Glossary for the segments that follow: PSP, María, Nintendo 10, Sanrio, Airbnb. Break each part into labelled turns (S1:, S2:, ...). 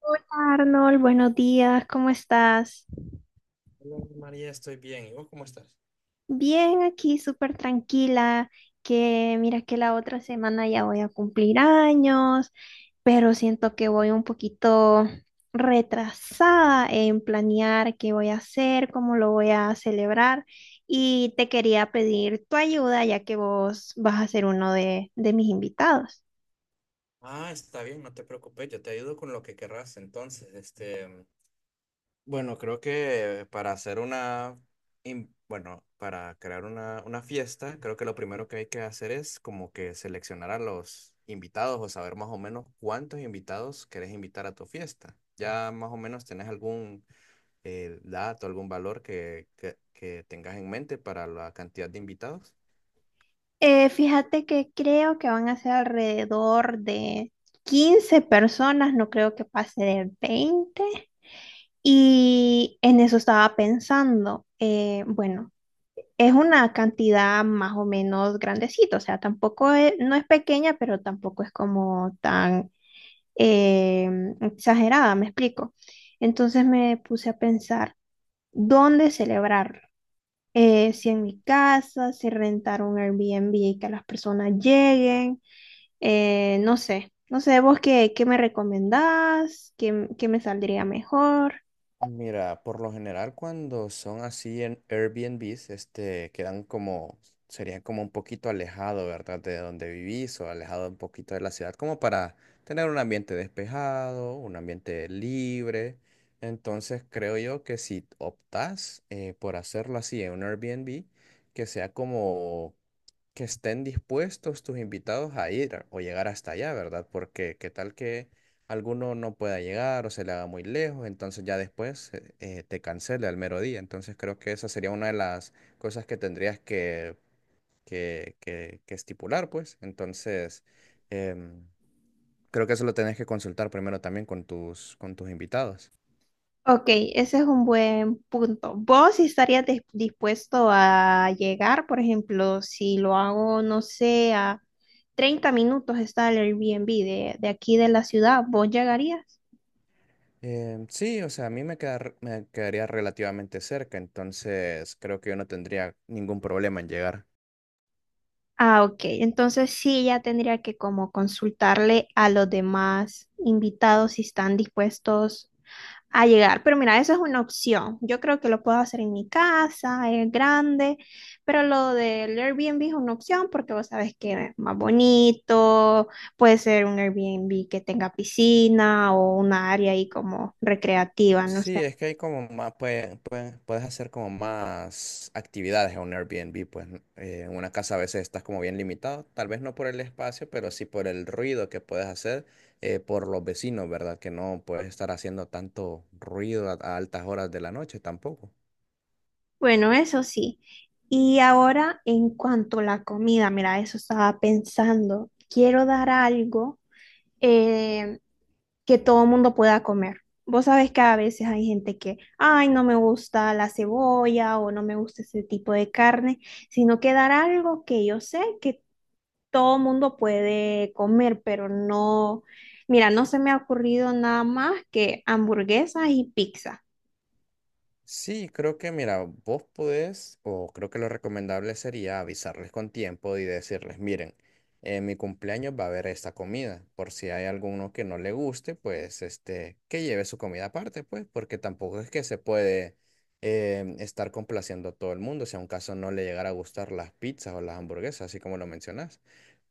S1: Hola Arnold, buenos días, ¿cómo estás?
S2: Hola, María, estoy bien. ¿Y vos cómo estás?
S1: Bien, aquí súper tranquila, que mira que la otra semana ya voy a cumplir años, pero siento que voy un poquito retrasada en planear qué voy a hacer, cómo lo voy a celebrar y te quería pedir tu ayuda ya que vos vas a ser uno de mis invitados.
S2: Ah, está bien, no te preocupes, yo te ayudo con lo que querrás. Entonces, este, bueno, creo que para hacer bueno, para crear una fiesta, creo que lo primero que hay que hacer es como que seleccionar a los invitados o saber más o menos cuántos invitados querés invitar a tu fiesta. Ya más o menos tenés algún dato, algún valor que tengas en mente para la cantidad de invitados.
S1: Fíjate que creo que van a ser alrededor de 15 personas, no creo que pase de 20. Y en eso estaba pensando, bueno, es una cantidad más o menos grandecita, o sea, tampoco es, no es pequeña, pero tampoco es como tan eh, exagerada, me explico. Entonces me puse a pensar, ¿dónde celebrarlo? Si en mi casa, si rentar un Airbnb y que las personas lleguen. No sé, no sé, vos qué me recomendás, qué me saldría mejor.
S2: Mira, por lo general cuando son así en Airbnbs, este, quedan como, sería como un poquito alejado, ¿verdad? De donde vivís o alejado un poquito de la ciudad, como para tener un ambiente despejado, un ambiente libre. Entonces creo yo que si optás por hacerlo así en un Airbnb, que sea como que estén dispuestos tus invitados a o llegar hasta allá, ¿verdad? Porque qué tal que alguno no pueda llegar o se le haga muy lejos, entonces ya después te cancele al mero día. Entonces creo que esa sería una de las cosas que tendrías que estipular, pues. Entonces, em, creo que eso lo tenés que consultar primero también con con tus invitados.
S1: Ok, ese es un buen punto. ¿Vos estarías dispuesto a llegar? Por ejemplo, si lo hago, no sé, a 30 minutos está el Airbnb de aquí de la ciudad, ¿vos llegarías?
S2: Em, sí, o sea, a mí me queda me quedaría relativamente cerca, entonces creo que yo no tendría ningún problema en llegar.
S1: Ah, ok. Entonces sí, ya tendría que como consultarle a los demás invitados si están dispuestos a llegar. Pero mira, esa es una opción. Yo creo que lo puedo hacer en mi casa, es grande, pero lo del Airbnb es una opción porque vos sabes que es más bonito, puede ser un Airbnb que tenga piscina o un área ahí como recreativa, no sé.
S2: Sí, es que hay como más, pues, puedes hacer como más actividades en un Airbnb, pues, ¿no? En una casa a veces estás como bien limitado, tal vez no por el espacio, pero sí por el ruido que puedes hacer por los vecinos, ¿verdad? Que no puedes estar haciendo tanto ruido a altas horas de la noche tampoco.
S1: Bueno, eso sí. Y ahora en cuanto a la comida, mira, eso estaba pensando. Quiero dar algo eh, que todo el mundo pueda comer. Vos sabés que a veces hay gente que, ay, no me gusta la cebolla o no me gusta ese tipo de carne, sino que dar algo que yo sé que todo mundo puede comer, pero no, mira, no se me ha ocurrido nada más que hamburguesas y pizza.
S2: Sí, creo que, mira, vos podés, o creo que lo recomendable sería avisarles con tiempo y decirles, miren, en mi cumpleaños va a haber esta comida, por si hay alguno que no le guste, pues, este, que lleve su comida aparte, pues, porque tampoco es que se puede estar complaciendo a todo el mundo, si a un caso no le llegara a gustar las pizzas o las hamburguesas, así como lo mencionás.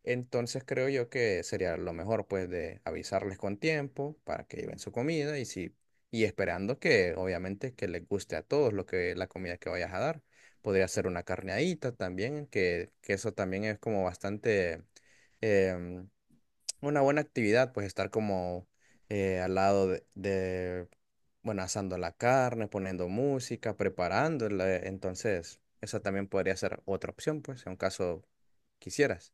S2: Entonces creo yo que sería lo mejor, pues, de avisarles con tiempo para que lleven su comida y si y esperando que obviamente que les guste a todos lo que la comida que vayas a dar. Podría ser una carneadita también, que eso también es como bastante em, una buena actividad, pues estar como al lado de, bueno, asando la carne, poniendo música, preparándola. Entonces, esa también podría ser otra opción, pues, en caso quisieras.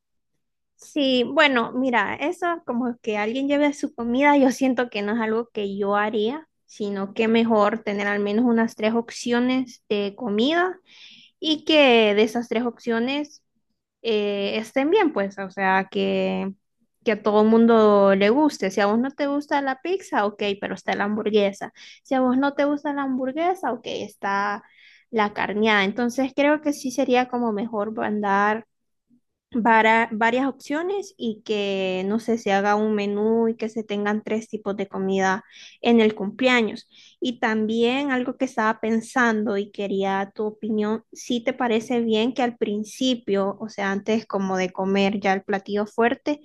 S1: Sí, bueno, mira, eso como que alguien lleve su comida, yo siento que no es algo que yo haría, sino que mejor tener al menos unas tres opciones de comida, y que de esas tres opciones estén bien, pues, o sea, que a todo el mundo le guste. Si a vos no te gusta la pizza, ok, pero está la hamburguesa. Si a vos no te gusta la hamburguesa, ok, está la carneada. Entonces creo que sí sería como mejor mandar varias opciones y que, no sé, se haga un menú y que se tengan tres tipos de comida en el cumpleaños. Y también algo que estaba pensando y quería tu opinión, si te parece bien que al principio, o sea, antes como de comer ya el platillo fuerte,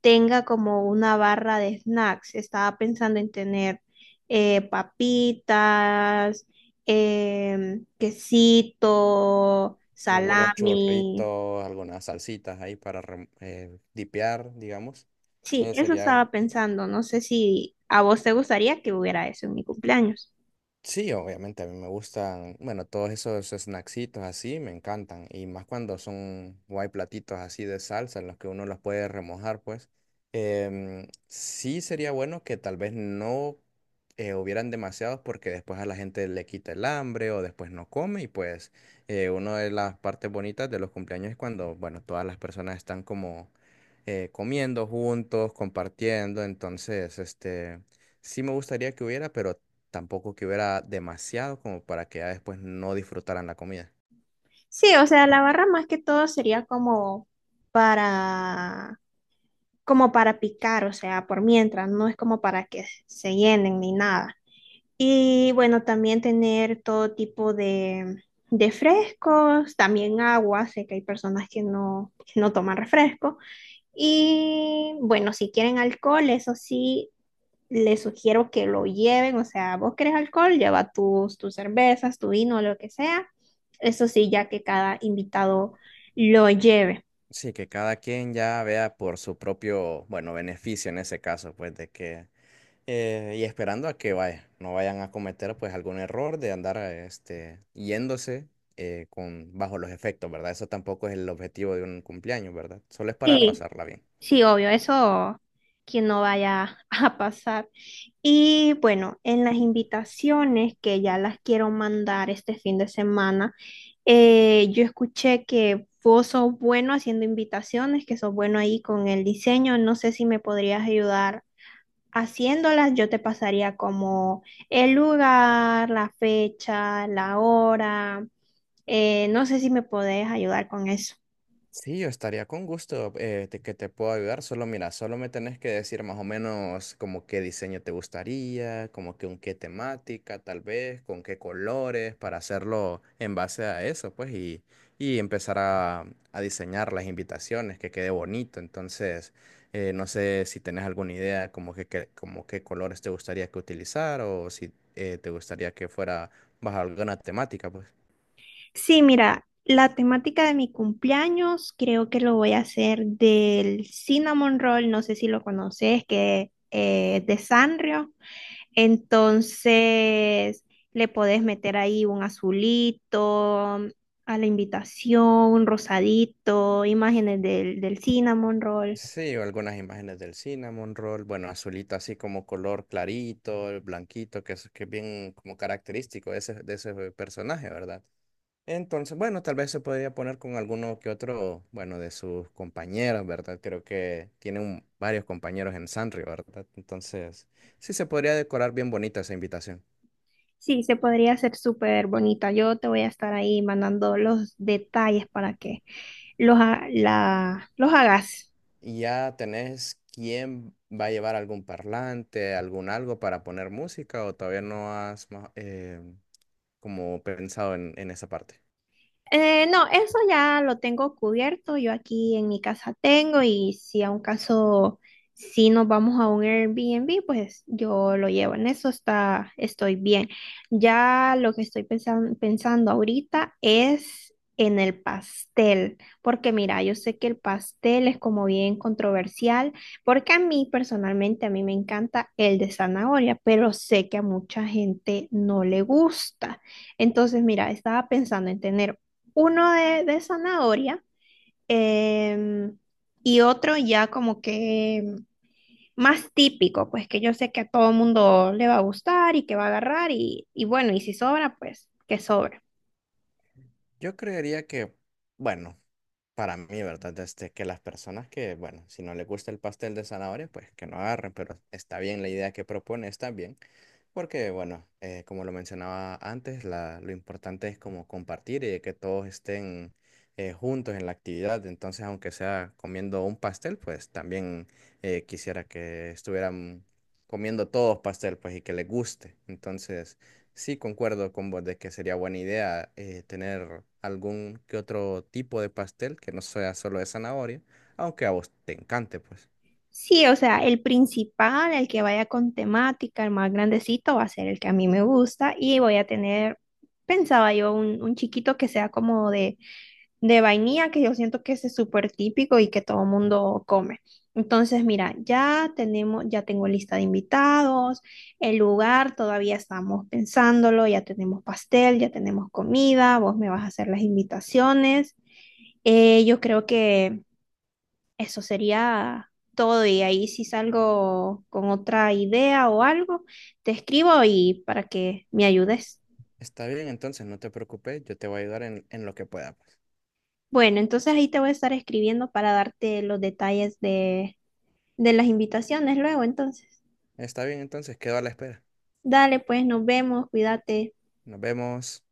S1: tenga como una barra de snacks. Estaba pensando en tener papitas, quesito,
S2: Algunos
S1: salami.
S2: churritos, algunas salsitas ahí para dipear, digamos.
S1: Sí, eso
S2: Sería
S1: estaba pensando. No sé si a vos te gustaría que hubiera eso en mi cumpleaños.
S2: Sí, obviamente a mí me gustan, bueno, todos esos snacksitos así me encantan y más cuando son o hay platitos así de salsa en los que uno los puede remojar, pues. Em, sí sería bueno que tal vez no hubieran demasiados porque después a la gente le quita el hambre o después no come y pues una de las partes bonitas de los cumpleaños es cuando, bueno, todas las personas están como comiendo juntos, compartiendo, entonces, este, sí me gustaría que hubiera, pero tampoco que hubiera demasiado como para que ya después no disfrutaran la comida.
S1: Sí, o sea, la barra más que todo sería como para, como para picar, o sea, por mientras, no es como para que se llenen ni nada. Y bueno, también tener todo tipo de frescos, también agua. Sé que hay personas que no toman refresco. Y bueno, si quieren alcohol, eso sí, les sugiero que lo lleven, o sea, vos querés alcohol, lleva tus cervezas, tu vino, lo que sea. Eso sí, ya que cada invitado lo lleve.
S2: Sí, que cada quien ya vea por su propio, bueno, beneficio en ese caso, pues de que, y esperando a que vaya, no vayan a cometer pues algún error de andar este, yéndose con, bajo los efectos, ¿verdad? Eso tampoco es el objetivo de un cumpleaños, ¿verdad? Solo es para
S1: Sí,
S2: pasarla bien.
S1: sí, obvio, eso que no vaya a pasar. Y bueno, en las invitaciones que ya las quiero mandar este fin de semana, yo escuché que vos sos bueno haciendo invitaciones, que sos bueno ahí con el diseño. No sé si me podrías ayudar haciéndolas, yo te pasaría como el lugar, la fecha, la hora. No sé si me podés ayudar con eso.
S2: Sí, yo estaría con gusto que te puedo ayudar. Solo mira, solo me tenés que decir más o menos como qué diseño te gustaría, como que con qué temática, tal vez, con qué colores, para hacerlo en base a eso, pues, y empezar a diseñar las invitaciones, que quede bonito. Entonces, no sé si tenés alguna idea como como qué colores te gustaría que utilizar o si te gustaría que fuera bajo alguna temática, pues.
S1: Sí, mira, la temática de mi cumpleaños creo que lo voy a hacer del cinnamon roll, no sé si lo conoces, que es de Sanrio. Entonces, le podés meter ahí un azulito a la invitación, un rosadito, imágenes del cinnamon roll.
S2: Sí, o algunas imágenes del cinnamon roll, bueno, azulito así como color clarito, el blanquito, que es bien como característico de ese personaje, ¿verdad? Entonces, bueno, tal vez se podría poner con alguno que otro, bueno, de sus compañeros, ¿verdad? Creo que tiene varios compañeros en Sanrio, ¿verdad? Entonces, sí se podría decorar bien bonita esa invitación.
S1: Sí, se podría hacer súper bonita. Yo te voy a estar ahí mandando los detalles para que los hagas.
S2: Y ya tenés quién va a llevar algún parlante, algún algo para poner música, o todavía no has como pensado en esa parte.
S1: No, eso ya lo tengo cubierto. Yo aquí en mi casa tengo y si a un caso, si nos vamos a un Airbnb, pues yo lo llevo. En eso estoy bien. Ya lo que estoy pensando ahorita es en el pastel, porque mira, yo sé que el pastel es como bien controversial, porque a mí personalmente, a mí me encanta el de zanahoria, pero sé que a mucha gente no le gusta. Entonces, mira, estaba pensando en tener uno de zanahoria, em, y otro ya como que más típico, pues que yo sé que a todo mundo le va a gustar y que va a agarrar y, bueno, y si sobra, pues que sobra.
S2: Yo creería que, bueno, para mí, ¿verdad? Este, que las personas que, bueno, si no les gusta el pastel de zanahoria, pues que no agarren, pero está bien la idea que propone, está bien, porque, bueno, como lo mencionaba antes, lo importante es como compartir y de que todos estén juntos en la actividad, entonces aunque sea comiendo un pastel, pues también quisiera que estuvieran comiendo todos pastel, pues y que les guste, entonces, sí, concuerdo con vos de que sería buena idea tener algún que otro tipo de pastel que no sea solo de zanahoria, aunque a vos te encante, pues.
S1: Sí, o sea, el principal, el que vaya con temática, el más grandecito, va a ser el que a mí me gusta y voy a tener, pensaba yo, un chiquito que sea como de vainilla, que yo siento que ese es súper típico y que todo el mundo come. Entonces, mira, ya tengo lista de invitados, el lugar, todavía estamos pensándolo, ya tenemos pastel, ya tenemos comida, vos me vas a hacer las invitaciones. Yo creo que eso sería todo y ahí si salgo con otra idea o algo, te escribo y para que me ayudes.
S2: Está bien, entonces, no te preocupes, yo te voy a ayudar en lo que pueda, pues.
S1: Bueno, entonces ahí te voy a estar escribiendo para darte los detalles de las invitaciones luego, entonces.
S2: Está bien, entonces, quedo a la espera.
S1: Dale, pues, nos vemos, cuídate.
S2: Nos vemos.